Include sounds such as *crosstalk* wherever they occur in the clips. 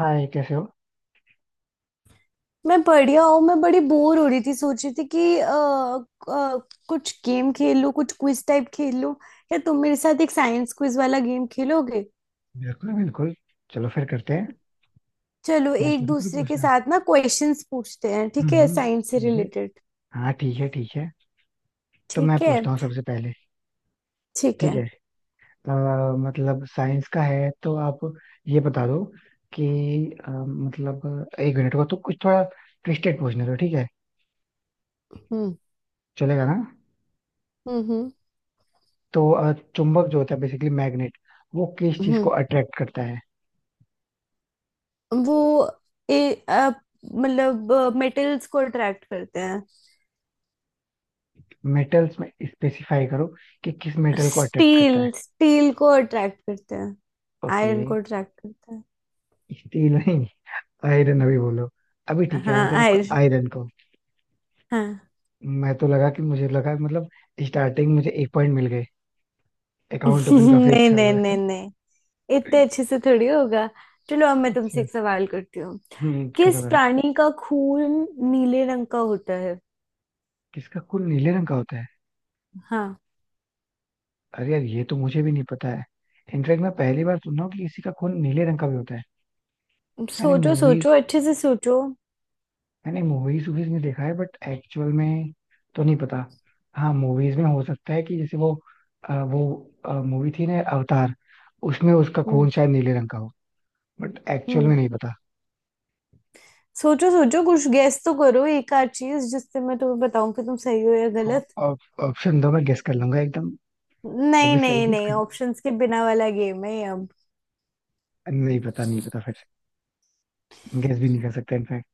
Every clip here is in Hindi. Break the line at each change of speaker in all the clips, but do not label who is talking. हाय, कैसे हो।
मैं बढ़िया हूँ। मैं बड़ी बोर हो रही थी, सोच रही थी कि कुछ गेम खेल लूँ, कुछ क्विज टाइप खेल लूँ। या तुम मेरे साथ एक साइंस क्विज वाला गेम खेलोगे?
बिल्कुल बिल्कुल। चलो फिर करते हैं।
चलो
मैं
एक
शुरू करूँ
दूसरे के
पूछना।
साथ ना क्वेश्चंस पूछते हैं,
हम्म
ठीक है?
हम्म,
साइंस से
ठीक है।
रिलेटेड।
हाँ ठीक है, ठीक है। तो मैं
ठीक है।
पूछता हूँ सबसे पहले।
ठीक
ठीक
है।
है। अ, मतलब साइंस का है तो आप ये बता दो कि मतलब एक मिनट को तो कुछ थोड़ा ट्विस्टेड पूछने दो, ठीक है।
हम्म
चलेगा ना।
हम्म
तो चुंबक जो होता है, बेसिकली मैग्नेट, वो किस चीज को
हम्म
अट्रैक्ट करता है।
वो ए, अ, मतलब मेटल्स को अट्रैक्ट करते हैं।
मेटल्स में स्पेसिफाई करो कि किस मेटल को अट्रैक्ट करता है।
स्टील स्टील को अट्रैक्ट करते हैं।
ओके।
आयरन को अट्रैक्ट करते हैं।
स्टील नहीं, आयरन, अभी बोलो। अभी ठीक है,
हाँ,
आंसर आपका
आयरन।
आयरन को। मैं तो लगा कि, मुझे लगा मतलब स्टार्टिंग मुझे एक पॉइंट मिल गए,
*laughs*
अकाउंट ओपन काफी
नहीं,
अच्छा
नहीं,
हुआ
नहीं,
है।
नहीं। इतने अच्छे से थोड़ी होगा। चलो, अब मैं तुमसे
अच्छा।
एक सवाल करती हूँ।
हम्म, करो
किस
करो।
प्राणी का खून नीले रंग का होता है?
किसका खून नीले रंग का होता है।
हाँ।
अरे यार, ये तो मुझे भी नहीं पता है। इनफैक्ट मैं पहली बार सुन रहा हूँ कि किसी का खून नीले रंग का भी होता है। मैंने
सोचो, सोचो,
मूवीज
अच्छे से सोचो।
मैंने मूवीज वूवीज में देखा है, बट एक्चुअल में तो नहीं पता। हाँ, मूवीज में हो सकता है कि जैसे वो वो मूवी थी ना अवतार, उसमें उसका
हम्म,
खून शायद नीले रंग का हो। But actual
hmm.
में नहीं पता।
सोचो, सोचो, कुछ गेस तो करो, एक आध चीज, जिससे मैं तुम्हें बताऊं कि तुम सही हो या
हाँ।
गलत।
ऑप्शन दो, मैं गेस कर लूंगा एकदम। वो
नहीं,
भी सही
नहीं,
गेस
नहीं,
कर।
ऑप्शंस के बिना वाला गेम है ये अब।
नहीं पता नहीं पता फिर, गेस भी नहीं कर सकता इनफैक्ट।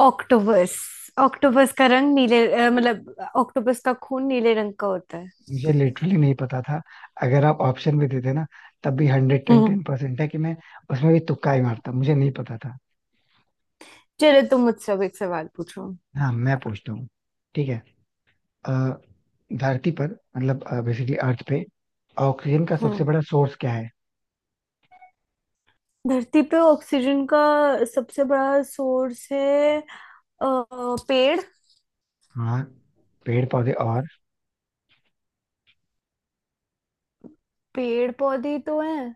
ऑक्टोपस। ऑक्टोपस का रंग नीले अ, मतलब ऑक्टोपस का खून नीले रंग का होता है।
मुझे लिटरली नहीं पता था। अगर आप ऑप्शन भी देते ना, तब भी hundred ten
hmm.
Ten percent है कि मैं उसमें भी तुक्का ही मारता, मुझे नहीं पता था।
चलो, तुम मुझसे अब एक सवाल पूछो।
हाँ मैं पूछता हूँ, ठीक है। अ, धरती पर, मतलब बेसिकली अर्थ पे, ऑक्सीजन का सबसे
हम्म
बड़ा सोर्स क्या है।
धरती पे ऑक्सीजन का सबसे बड़ा सोर्स है अ, पेड़।
हाँ, पेड़ पौधे और?
पेड़ पौधे तो हैं।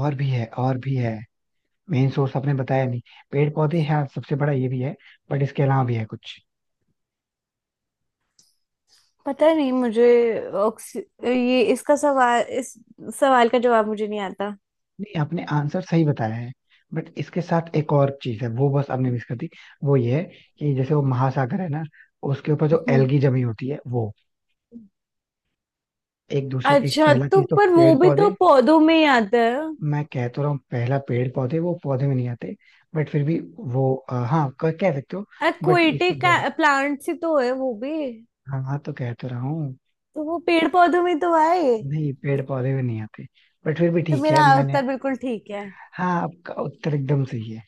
और भी है और भी है, मेन सोर्स आपने बताया नहीं। पेड़ पौधे हाँ सबसे बड़ा ये भी है, बट इसके अलावा भी है कुछ।
पता नहीं मुझे। ऑक्सी ये इसका सवाल इस सवाल का जवाब मुझे नहीं आता।
नहीं, आपने आंसर सही बताया है, बट इसके साथ एक और चीज है वो बस आपने मिस कर दी। वो ये है कि जैसे वो महासागर है ना, उसके ऊपर जो
हम्म।
एल्गी जमी होती है वो। एक
अच्छा,
पहला
तो
चीज तो
पर वो
पेड़
भी तो
पौधे।
पौधों में ही आता है।
मैं कह तो रहा हूँ, पहला पेड़ पौधे, वो पौधे में नहीं आते, बट फिर भी वो हाँ कह कह सकते हो। बट इसके
एक्वेटिक
जो,
प्लांट ही तो है वो भी।
हाँ हाँ तो कह तो रहा हूँ।
तो वो पेड़ पौधों में तो आए।
नहीं पेड़ पौधे में नहीं आते, बट फिर भी
तो
ठीक है
मेरा
मैंने।
उत्तर बिल्कुल ठीक।
हाँ आपका उत्तर एकदम सही है।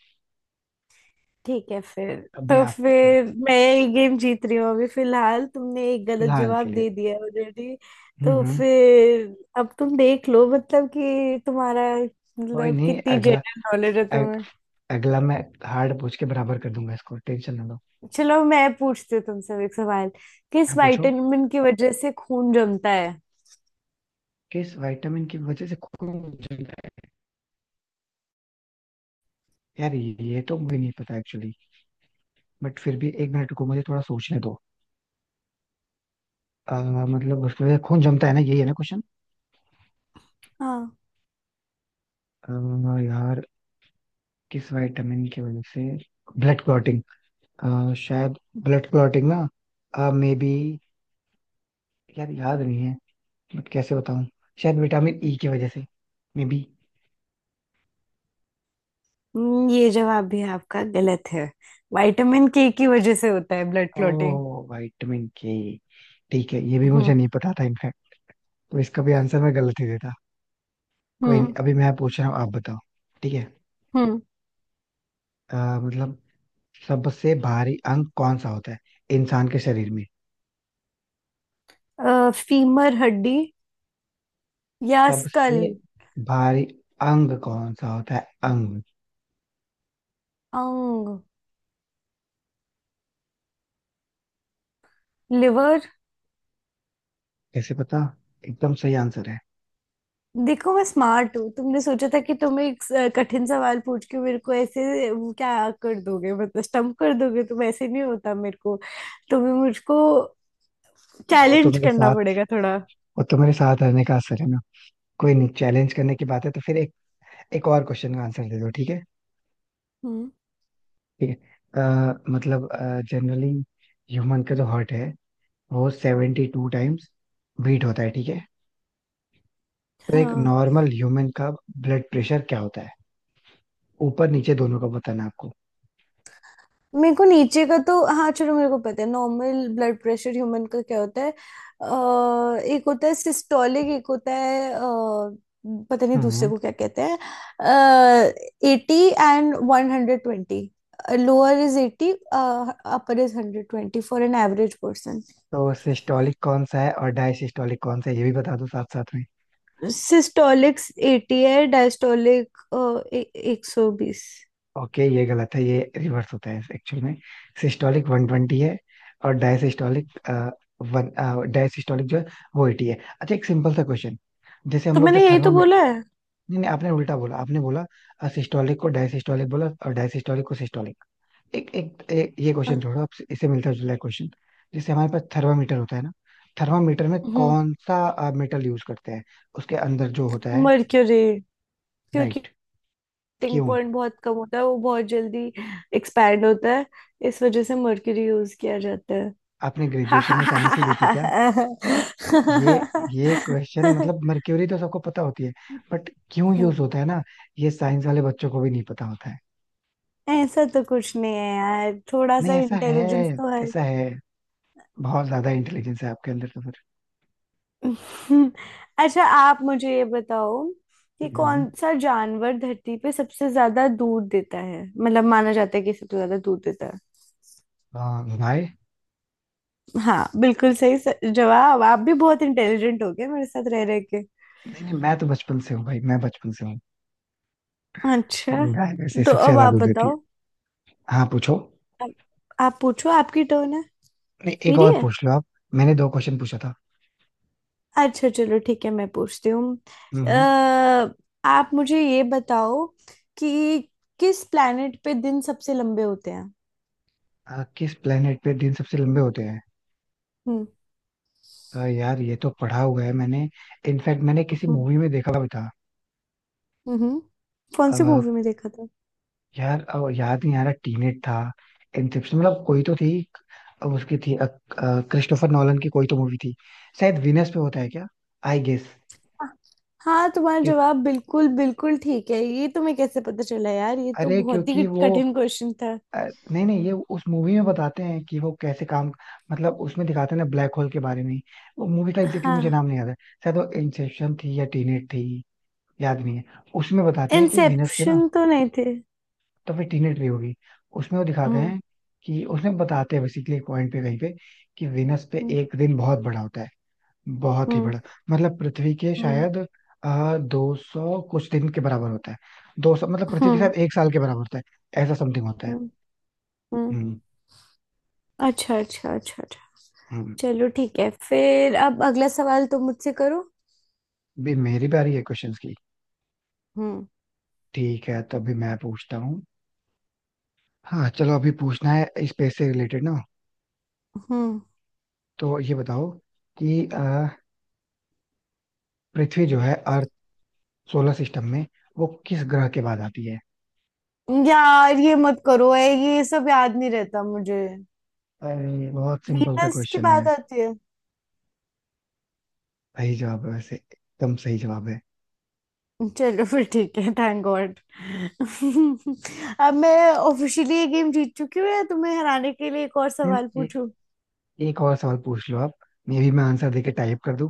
ठीक है फिर।
अभी
तो
आप पूछो।
फिर मैं ये गेम जीत रही हूँ अभी फिलहाल। तुमने एक गलत
फिलहाल के
जवाब
लिए।
दे दिया ऑलरेडी। तो
हम्म।
फिर अब तुम देख लो, मतलब कि तुम्हारा,
कोई
मतलब
नहीं,
कितनी
अगला,
जनरल नॉलेज है तुम्हें।
अगला मैं हार्ड पूछ के बराबर कर दूंगा इसको, टेंशन ना लो।
चलो, मैं पूछती हूँ तुमसे अब एक सवाल। किस
हाँ पूछो।
विटामिन की वजह से खून जमता है?
किस विटामिन की वजह से खून जलता है, यार ये तो मुझे नहीं पता एक्चुअली। बट फिर भी एक मिनट को मुझे थोड़ा सोचने दो। अ, मतलब उसकी वजह से खून जमता है ना, यही है ना क्वेश्चन।
हाँ।
यार, किस विटामिन की वजह से ब्लड क्लॉटिंग, शायद ब्लड क्लॉटिंग ना मे बी, यार याद नहीं है, बट कैसे बताऊं। शायद विटामिन ई की वजह से, मे बी।
ये जवाब भी आपका गलत है। विटामिन के की वजह से होता है ब्लड
ओ,
क्लॉटिंग।
विटामिन के, ठीक है ये भी मुझे
हम्म।
नहीं पता था इनफैक्ट। तो इसका भी आंसर मैं गलत ही देता। कोई नहीं,
हम्म।
अभी मैं पूछ रहा हूँ, आप बताओ। ठीक है, मतलब सबसे भारी अंग कौन सा होता है इंसान के शरीर में।
फीमर हड्डी या स्कल।
सबसे भारी अंग कौन सा होता है। अंग।
अंग। लिवर।
कैसे पता, एकदम सही आंसर है।
देखो, मैं स्मार्ट हूँ। तुमने सोचा था कि तुम एक कठिन सवाल पूछ के मेरे को ऐसे, वो क्या कर दोगे, मतलब स्टम्प कर दोगे तुम, ऐसे नहीं होता मेरे को। तुम्हें मुझको
वो तो
चैलेंज
मेरे
करना
साथ
पड़ेगा थोड़ा।
वो तो मेरे साथ रहने का असर है ना। कोई नहीं, चैलेंज करने की बात है तो फिर एक एक और क्वेश्चन का आंसर दे दो, ठीक है।
हम्म।
ठीक है। मतलब जनरली ह्यूमन का जो हार्ट है वो 72 टाइम्स बीट होता है, ठीक है। तो एक
हाँ।
नॉर्मल ह्यूमन का ब्लड प्रेशर क्या होता है। ऊपर नीचे दोनों का बताना है आपको।
मेरे को नीचे का तो, हाँ चलो, मेरे को पता है नॉर्मल ब्लड प्रेशर ह्यूमन का क्या होता है। एक होता है सिस्टोलिक, एक होता है पता नहीं दूसरे
हम्म।
को क्या कहते हैं। 80 and 120। Lower is 80, upper is 120, for an average person.
तो सिस्टोलिक कौन सा है और डायसिस्टोलिक कौन सा है, ये भी बता दो साथ साथ में।
सिस्टोलिक 80 है, डायस्टोलिक 120।
ओके, ये गलत है, ये रिवर्स होता है एक्चुअल में। सिस्टोलिक 120 है और डायसिस्टोलिक वन डायसिस्टोलिक जो है वो 80 है। अच्छा, एक सिंपल सा क्वेश्चन, जैसे हम
तो
लोग जो
मैंने यही तो
थर्मामीटर।
बोला है।
नहीं नहीं, आपने उल्टा बोला, आपने बोला सिस्टोलिक को डायसिस्टोलिक बोला और डायसिस्टोलिक को सिस्टोलिक। एक एक, एक ये क्वेश्चन
हाँ।
छोड़ो, आपसे इससे मिलता जुला क्वेश्चन, जैसे हमारे पास थर्मामीटर होता है ना, थर्मामीटर में
हम्म
कौन सा मेटल यूज करते हैं, उसके अंदर जो होता है।
मर्क्यूरी। क्योंकि
राइट।
मेल्टिंग
क्यों?
पॉइंट बहुत कम होता है, वो बहुत जल्दी एक्सपैंड होता है, इस वजह से मर्क्यूरी यूज किया जाता है।
आपने ग्रेजुएशन में साइंस ही ली थी क्या? ये ये क्वेश्चन, मतलब मर्क्यूरी तो सबको पता होती है, बट क्यों यूज होता है ना, ये साइंस वाले बच्चों को भी नहीं पता होता है।
ऐसा तो कुछ नहीं है यार, थोड़ा
नहीं,
सा
ऐसा है,
इंटेलिजेंस तो है।
ऐसा है, बहुत ज्यादा इंटेलिजेंस है आपके अंदर तो फिर।
अच्छा, आप मुझे ये बताओ कि
हम्म।
कौन सा जानवर धरती पे सबसे ज्यादा दूध देता है, मतलब माना जाता है कि सबसे ज्यादा दूध देता है।
हाँ भाई।
हाँ, बिल्कुल सही जवाब। आप भी बहुत इंटेलिजेंट हो गए मेरे साथ रह रहे।
नहीं नहीं, मैं बचपन से हूँ।
अच्छा।
गाय वैसे
तो
सबसे
अब
ज्यादा
आप
दूध देती है।
बताओ।
हाँ पूछो।
आप, आप पूछो, आपकी टर्न है।
नहीं एक
मेरी
और
है।
पूछ लो आप। मैंने दो क्वेश्चन पूछा था।
अच्छा, चलो ठीक है, मैं पूछती हूँ।
हम्म
अ,
हम्म।
आप मुझे ये बताओ कि किस प्लेनेट पे दिन सबसे लंबे होते हैं?
किस प्लेनेट पे दिन सबसे लंबे होते हैं।
हम्म।
यार ये तो पढ़ा हुआ है मैंने, इनफैक्ट मैंने किसी
हम्म।
मूवी में देखा भी था।
हम्म। कौन सी
आ,
मूवी में देखा था?
यार याद नहीं आ रहा, टीनेट था, इंसेप्शन, मतलब कोई तो थी। उसकी थी, आ, आ, क्रिस्टोफर नॉलन की कोई तो मूवी थी। शायद वीनस पे होता है क्या, आई गेस।
हाँ, हाँ, तुम्हारा जवाब बिल्कुल बिल्कुल ठीक है। ये तुम्हें कैसे पता चला यार, ये तो
अरे
बहुत ही
क्योंकि वो
कठिन क्वेश्चन था।
नहीं नहीं, ये उस मूवी में बताते हैं कि वो कैसे काम, मतलब उसमें दिखाते हैं ना ब्लैक होल के बारे में। वो मूवी का एग्जैक्टली मुझे
हाँ।
नाम नहीं याद है, शायद वो इंसेप्शन थी या टीनेट थी, याद नहीं है। उसमें बताते हैं कि वीनस पे ना,
इंसेप्शन तो नहीं थे।
तो फिर टीनेट भी होगी, उसमें वो दिखाते
हम्म,
हैं, कि उसमें बताते हैं बेसिकली एक पॉइंट पे कहीं पे, कि वीनस पे
हम्म,
एक दिन बहुत बड़ा होता है, बहुत ही
हम्म,
बड़ा। मतलब पृथ्वी के
हम्म,
शायद 200 कुछ दिन के बराबर होता है। 200, मतलब पृथ्वी के
हम्म,
शायद एक साल के बराबर होता है, ऐसा समथिंग होता है।
हम्म, हम्म।
हम्म
अच्छा, अच्छा, अच्छा, अच्छा।
हम्म।
चलो ठीक है फिर, अब अगला सवाल तुम मुझसे करो।
अभी मेरी बारी है क्वेश्चंस की।
हम्म,
ठीक है, तो अभी मैं पूछता हूँ। हाँ चलो, अभी पूछना है स्पेस से रिलेटेड ना।
हम्म।
तो ये बताओ कि पृथ्वी जो है, अर्थ, सोलर सिस्टम में वो किस ग्रह के बाद आती है।
यार ये मत करो, ये सब याद नहीं रहता मुझे।
अरे बहुत सिंपल सा
वीनस की
क्वेश्चन है।
बात आती है।
सही जवाब है, वैसे एकदम सही जवाब है।
चलो फिर ठीक है, थैंक गॉड। *laughs* अब मैं ऑफिशियली ये गेम जीत चुकी हूँ, या तुम्हें हराने के लिए एक और
फिर
सवाल पूछूं?
एक और सवाल पूछ लो आप, मे भी मैं आंसर देके टाइप कर दूं।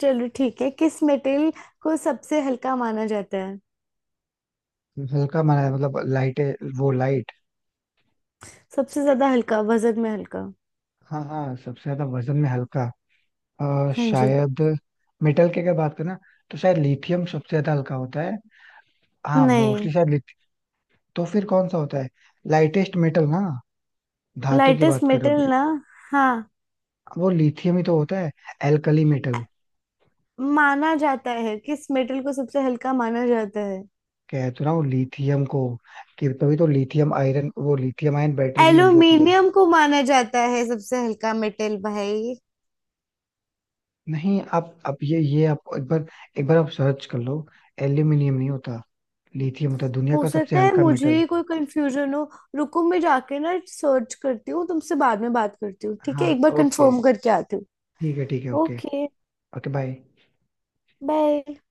चलो ठीक है, किस मेटल को सबसे हल्का माना जाता है?
हल्का माना है, मतलब लाइट है वो, लाइट।
सबसे ज्यादा हल्का, वजन में हल्का।
हाँ हाँ सबसे ज्यादा वजन में हल्का।
हाँ जी।
शायद मेटल की अगर बात करें ना, तो शायद लिथियम सबसे ज्यादा हल्का होता है। हाँ
नहीं।
मोस्टली शायद लिथियम। तो फिर कौन सा होता है, लाइटेस्ट मेटल ना, धातु की बात
लाइटेस्ट
कर रहे हो बे।
मेटल ना। हाँ।
वो लिथियम ही तो होता है, एल्कली मेटल।
माना जाता है, किस मेटल को सबसे हल्का माना जाता है?
कह तो रहा हूँ लिथियम को, कि तभी तो लिथियम आयरन, वो लिथियम आयन बैटरी भी यूज होती है।
एल्यूमिनियम को माना जाता है सबसे हल्का मेटल भाई।
नहीं आप ये आप एक बार, एक बार आप सर्च कर लो। एल्यूमिनियम नहीं होता, लिथियम होता है दुनिया
हो
का सबसे
सकता है
हल्का
मुझे
मेटल।
ही कोई कंफ्यूजन हो। रुको, मैं जाके ना सर्च करती हूँ, तुमसे बाद में बात करती हूँ ठीक है,
हाँ।
एक बार
ओके।
कंफर्म करके आती हूँ।
ठीक है ठीक है, okay.
Okay,
okay bye.
Bye.